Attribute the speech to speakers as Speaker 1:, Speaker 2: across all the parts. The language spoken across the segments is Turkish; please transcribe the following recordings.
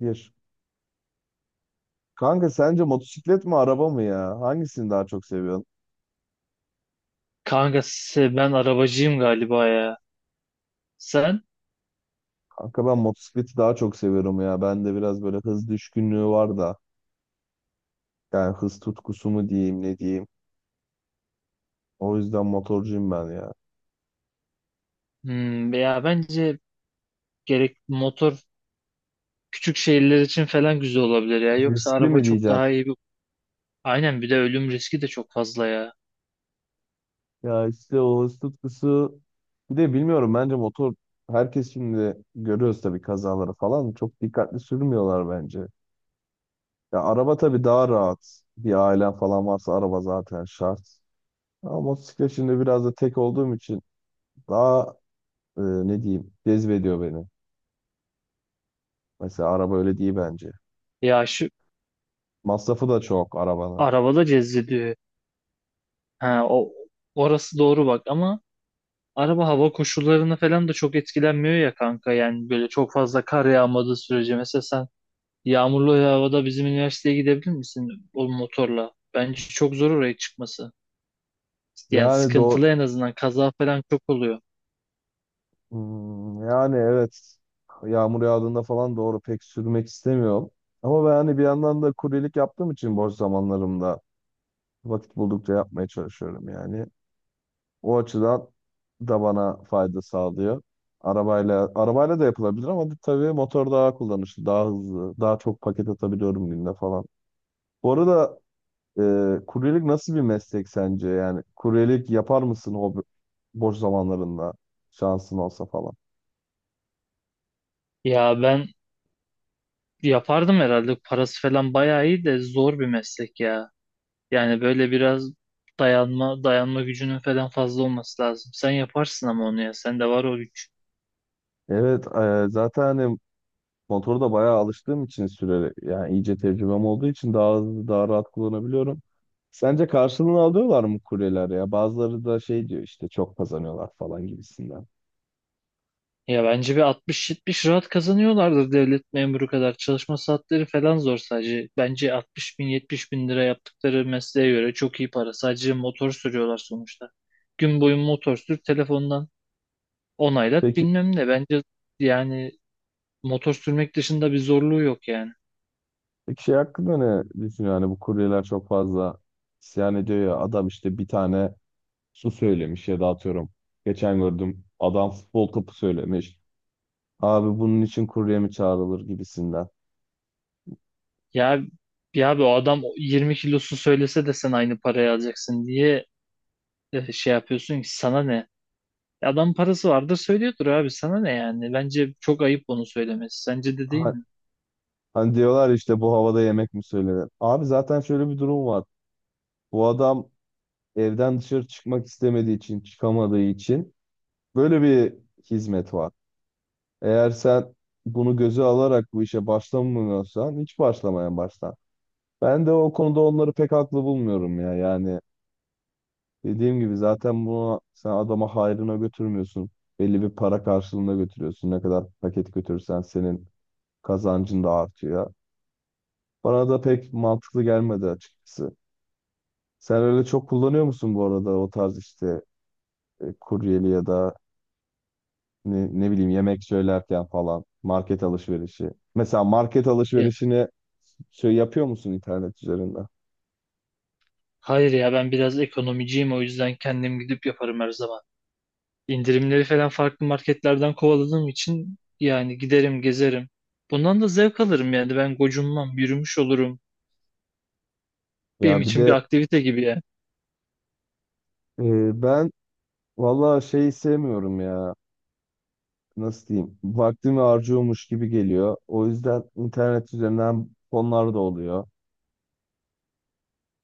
Speaker 1: Bir. Kanka sence motosiklet mi araba mı ya? Hangisini daha çok seviyorsun?
Speaker 2: Kanka ben arabacıyım galiba ya. Sen?
Speaker 1: Kanka ben motosikleti daha çok seviyorum ya. Bende biraz böyle hız düşkünlüğü var da. Yani hız tutkusu mu diyeyim ne diyeyim. O yüzden motorcuyum ben ya.
Speaker 2: Ya bence gerek motor küçük şehirler için falan güzel olabilir ya. Yoksa
Speaker 1: Riskli
Speaker 2: araba
Speaker 1: mi
Speaker 2: çok
Speaker 1: diyeceksin?
Speaker 2: daha iyi bir... Aynen, bir de ölüm riski de çok fazla ya.
Speaker 1: Ya işte o hız tutkusu. Bir de bilmiyorum, bence motor herkes şimdi görüyoruz tabii kazaları falan. Çok dikkatli sürmüyorlar bence. Ya araba tabii daha rahat. Bir ailen falan varsa araba zaten şart. Ama motosiklet şimdi biraz da tek olduğum için daha ne diyeyim cezbediyor beni. Mesela araba öyle değil bence.
Speaker 2: Ya şu
Speaker 1: Masrafı da çok arabanın.
Speaker 2: arabada cezbediyor. Ha, orası doğru bak ama araba hava koşullarına falan da çok etkilenmiyor ya kanka. Yani böyle çok fazla kar yağmadığı sürece mesela sen yağmurlu havada bizim üniversiteye gidebilir misin o motorla? Bence çok zor oraya çıkması. Yani
Speaker 1: Yani doğru,
Speaker 2: sıkıntılı, en azından kaza falan çok oluyor.
Speaker 1: yani evet, yağmur yağdığında falan doğru pek sürmek istemiyorum. Ama ben hani bir yandan da kuryelik yaptığım için boş zamanlarımda vakit buldukça yapmaya çalışıyorum yani. O açıdan da bana fayda sağlıyor. Arabayla da yapılabilir ama tabii motor daha kullanışlı, daha hızlı, daha çok paket atabiliyorum günde falan. Bu arada Kuryelik nasıl bir meslek sence? Yani kuryelik yapar mısın hobi, boş zamanlarında şansın olsa falan?
Speaker 2: Ya ben yapardım herhalde, parası falan bayağı iyi de zor bir meslek ya. Yani böyle biraz dayanma gücünün falan fazla olması lazım. Sen yaparsın ama onu, ya sende var o güç.
Speaker 1: Evet, zaten hani motoru da bayağı alıştığım için süreli, yani iyice tecrübem olduğu için daha hızlı, daha rahat kullanabiliyorum. Sence karşılığını alıyorlar mı kuryeler ya? Bazıları da şey diyor işte, çok kazanıyorlar falan gibisinden.
Speaker 2: Ya bence bir 60-70 rahat kazanıyorlardır, devlet memuru kadar. Çalışma saatleri falan zor sadece. Bence 60 bin 70 bin lira yaptıkları mesleğe göre çok iyi para. Sadece motor sürüyorlar sonuçta. Gün boyu motor sür, telefondan onaylat,
Speaker 1: Peki,
Speaker 2: bilmem ne. Bence yani motor sürmek dışında bir zorluğu yok yani.
Speaker 1: peki şey hakkında ne düşünüyor? Hani bu kuryeler çok fazla isyan ediyor ya, adam işte bir tane su söylemiş ya da, atıyorum, geçen gördüm, adam futbol topu söylemiş. Abi bunun için kurye mi çağrılır gibisinden.
Speaker 2: Ya ya abi, o adam 20 kilosu söylese de sen aynı parayı alacaksın diye şey yapıyorsun ki, sana ne? Adam parası vardır söylüyordur, abi sana ne yani? Bence çok ayıp onu söylemesi. Sence de değil
Speaker 1: Ha-
Speaker 2: mi?
Speaker 1: Hani diyorlar işte bu havada yemek mi söylenir. Abi zaten şöyle bir durum var. Bu adam evden dışarı çıkmak istemediği için, çıkamadığı için böyle bir hizmet var. Eğer sen bunu göze alarak bu işe başlamıyorsan hiç başlamaya başla. Ben de o konuda onları pek haklı bulmuyorum ya. Yani dediğim gibi zaten bunu sen adama hayrına götürmüyorsun. Belli bir para karşılığında götürüyorsun. Ne kadar paket götürürsen senin kazancın da artıyor. Bana da pek mantıklı gelmedi açıkçası. Sen öyle çok kullanıyor musun bu arada o tarz işte kuryeli ya da, ne bileyim, yemek söylerken falan, market alışverişi. Mesela market
Speaker 2: Ya,
Speaker 1: alışverişini şey yapıyor musun, internet üzerinden?
Speaker 2: hayır ya ben biraz ekonomiciyim, o yüzden kendim gidip yaparım her zaman. İndirimleri falan farklı marketlerden kovaladığım için yani giderim gezerim. Bundan da zevk alırım yani, ben gocunmam, yürümüş olurum. Benim
Speaker 1: Ya bir
Speaker 2: için bir
Speaker 1: de
Speaker 2: aktivite gibi yani.
Speaker 1: ben vallahi şeyi sevmiyorum ya. Nasıl diyeyim? Vaktimi harcıyormuş gibi geliyor. O yüzden internet üzerinden fonlar da oluyor.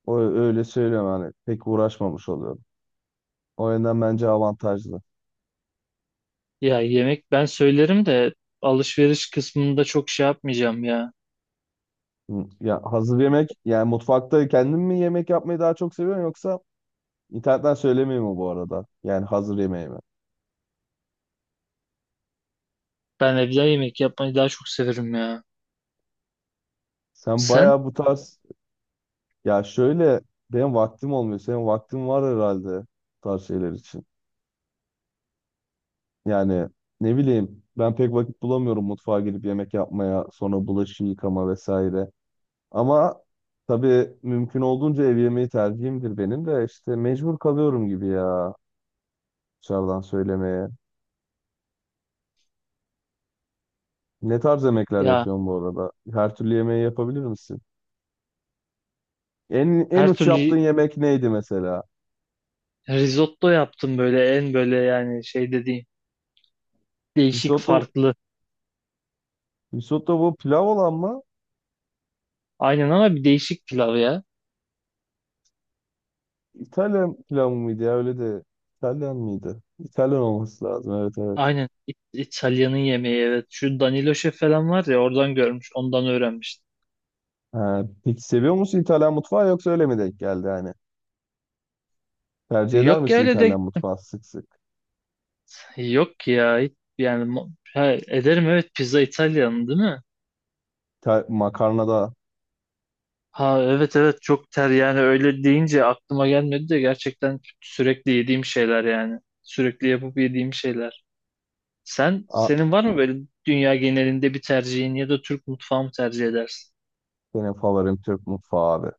Speaker 1: O öyle söylüyorum, hani pek uğraşmamış oluyorum. O yönden bence avantajlı.
Speaker 2: Ya yemek ben söylerim de alışveriş kısmında çok şey yapmayacağım ya.
Speaker 1: Hı, ya hazır yemek yani, mutfakta kendim mi yemek yapmayı daha çok seviyorum yoksa internetten söylemeyi mi bu arada? Yani hazır yemeği mi?
Speaker 2: Ben evde yemek yapmayı daha çok severim ya.
Speaker 1: Sen
Speaker 2: Sen?
Speaker 1: bayağı bu tarz, ya şöyle, benim vaktim olmuyor. Senin vaktin var herhalde bu tarz şeyler için. Yani ne bileyim, ben pek vakit bulamıyorum mutfağa girip yemek yapmaya, sonra bulaşık yıkama vesaire. Ama tabii mümkün olduğunca ev yemeği tercihimdir benim de, işte mecbur kalıyorum gibi ya dışarıdan söylemeye. Ne tarz yemekler
Speaker 2: Ya
Speaker 1: yapıyorsun bu arada? Her türlü yemeği yapabilir misin? En
Speaker 2: her
Speaker 1: uç
Speaker 2: türlü,
Speaker 1: yaptığın yemek neydi mesela?
Speaker 2: risotto yaptım böyle en böyle, yani şey dediğim değişik,
Speaker 1: Risotto,
Speaker 2: farklı.
Speaker 1: bu pilav olan mı?
Speaker 2: Aynen ama bir değişik pilav ya.
Speaker 1: İtalyan pilav mıydı ya, öyle de İtalyan mıydı? İtalyan olması lazım, evet evet.
Speaker 2: Aynen İtalya'nın yemeği, evet. Şu Danilo Şef falan var ya, oradan görmüş ondan öğrenmiştim.
Speaker 1: Ha, peki seviyor musun İtalyan mutfağı, yoksa öyle mi denk geldi yani?
Speaker 2: E,
Speaker 1: Tercih eder
Speaker 2: Yok ya
Speaker 1: misin
Speaker 2: öyle de,
Speaker 1: İtalyan mutfağı sık sık?
Speaker 2: yok ya, yani ederim, evet, pizza İtalyan değil mi?
Speaker 1: Makarna da.
Speaker 2: Ha evet evet, çok ter yani, öyle deyince aklıma gelmedi de gerçekten sürekli yediğim şeyler yani. Sürekli yapıp yediğim şeyler. Sen
Speaker 1: a,
Speaker 2: senin var mı böyle dünya genelinde bir tercihin, ya da Türk mutfağı mı tercih edersin?
Speaker 1: benim favorim Türk mutfağı abi.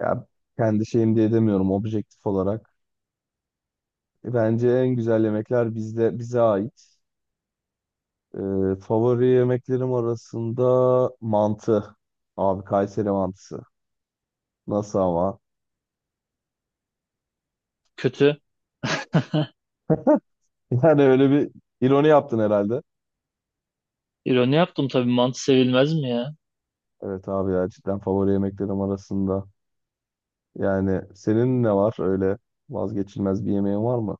Speaker 1: Ya kendi şeyim diye demiyorum, objektif olarak. Bence en güzel yemekler bizde, bize ait. Favori yemeklerim arasında mantı. Abi Kayseri mantısı. Nasıl ama?
Speaker 2: Kötü.
Speaker 1: Yani öyle bir ironi yaptın herhalde.
Speaker 2: İroni yaptım, tabii mantı sevilmez mi ya?
Speaker 1: Evet abi ya, cidden favori yemeklerim arasında. Yani senin ne var öyle, vazgeçilmez bir yemeğin var mı?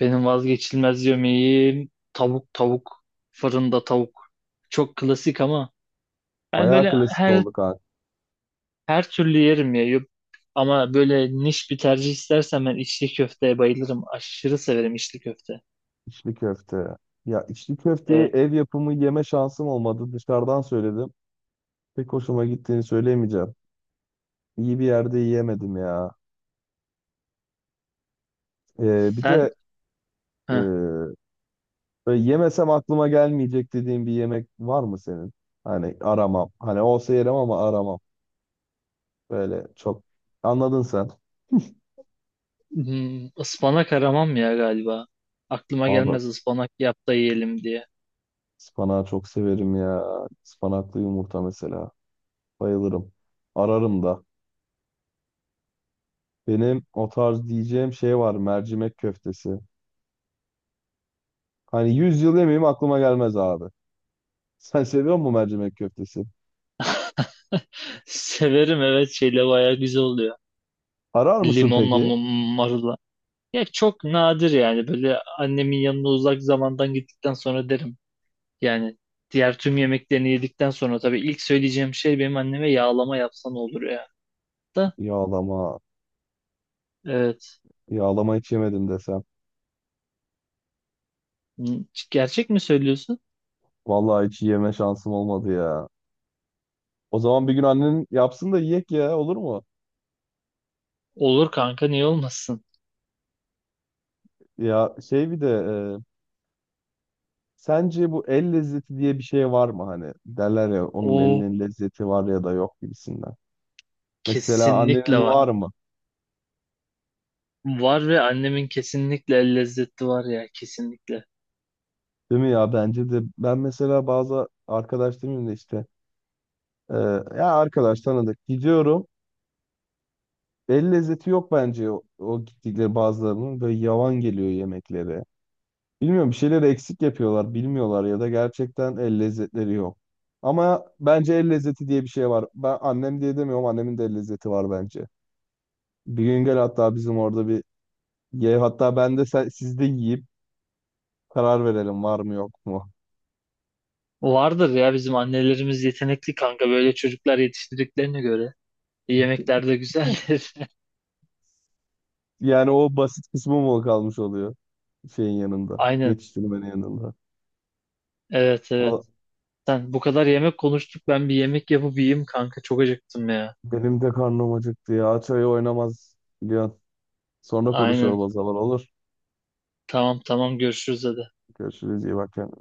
Speaker 2: Benim vazgeçilmez yemeğim tavuk, fırında tavuk. Çok klasik ama ben
Speaker 1: Bayağı
Speaker 2: böyle
Speaker 1: klasik
Speaker 2: her
Speaker 1: oldu kanka.
Speaker 2: her türlü yerim ya. Ama böyle niş bir tercih istersem ben içli köfteye bayılırım. Aşırı severim içli köfte.
Speaker 1: İçli köfte. Ya içli köfteyi
Speaker 2: Ee,
Speaker 1: ev yapımı yeme şansım olmadı. Dışarıdan söyledim. Pek hoşuma gittiğini söyleyemeyeceğim. İyi bir yerde yiyemedim ya. Bir
Speaker 2: sen
Speaker 1: de e,
Speaker 2: heh,
Speaker 1: böyle yemesem aklıma gelmeyecek dediğin bir yemek var mı senin? Hani aramam, hani olsa yerim ama aramam. Böyle çok. Anladın sen.
Speaker 2: ıspanak aramam ya galiba. Aklıma
Speaker 1: Abi
Speaker 2: gelmez ıspanak yap da yiyelim diye.
Speaker 1: Ispanağı çok severim ya. Ispanaklı yumurta mesela. Bayılırım. Ararım da. Benim o tarz diyeceğim şey var. Mercimek köftesi. Hani 100 yıl yemeyeyim aklıma gelmez abi. Sen seviyor musun mercimek köftesi?
Speaker 2: Severim, evet, şeyle bayağı güzel oluyor.
Speaker 1: Arar mısın
Speaker 2: Limonla
Speaker 1: peki?
Speaker 2: marulla. Ya çok nadir, yani böyle annemin yanına uzak zamandan gittikten sonra derim. Yani diğer tüm yemeklerini yedikten sonra tabii ilk söyleyeceğim şey benim anneme yağlama yapsan olur ya. Da
Speaker 1: Yağlama.
Speaker 2: evet.
Speaker 1: Yağlama hiç yemedim desem.
Speaker 2: Hmm, Gerçek mi söylüyorsun?
Speaker 1: Vallahi hiç yeme şansım olmadı ya. O zaman bir gün annen yapsın da yiyek ya, olur mu?
Speaker 2: Olur kanka, niye olmasın?
Speaker 1: Ya şey, bir de e, sence bu el lezzeti diye bir şey var mı hani? Derler ya, onun
Speaker 2: O
Speaker 1: elinin lezzeti var ya da yok gibisinden. Mesela
Speaker 2: kesinlikle
Speaker 1: annenin
Speaker 2: var.
Speaker 1: var mı?
Speaker 2: Var, ve annemin kesinlikle el lezzeti var ya, kesinlikle.
Speaker 1: Değil mi ya? Bence de. Ben mesela bazı arkadaş demeyeyim de işte e, ya arkadaş, tanıdık gidiyorum. El lezzeti yok bence, o gittikleri bazılarının böyle yavan geliyor yemekleri. Bilmiyorum, bir şeyleri eksik yapıyorlar, bilmiyorlar ya da gerçekten el lezzetleri yok. Ama bence el lezzeti diye bir şey var. Ben annem diye demiyorum, annemin de el lezzeti var bence. Bir gün gel hatta bizim orada bir ye, hatta ben de, sen, siz de yiyip karar verelim var mı yok mu.
Speaker 2: Vardır ya, bizim annelerimiz yetenekli kanka, böyle çocuklar yetiştirdiklerine göre. Yemekler de güzeldir.
Speaker 1: Yani o basit kısmı mı kalmış oluyor şeyin yanında,
Speaker 2: Aynen.
Speaker 1: yetiştirmenin yanında.
Speaker 2: Evet
Speaker 1: Valla,
Speaker 2: evet. Sen, bu kadar yemek konuştuk, ben bir yemek yapıp yiyeyim kanka, çok acıktım ya.
Speaker 1: benim de karnım acıktı ya. Çayı oynamaz biliyorsun. Sonra
Speaker 2: Aynen.
Speaker 1: konuşalım o zaman, olur.
Speaker 2: Tamam tamam, görüşürüz hadi.
Speaker 1: Görüşürüz, iyi bak kendine.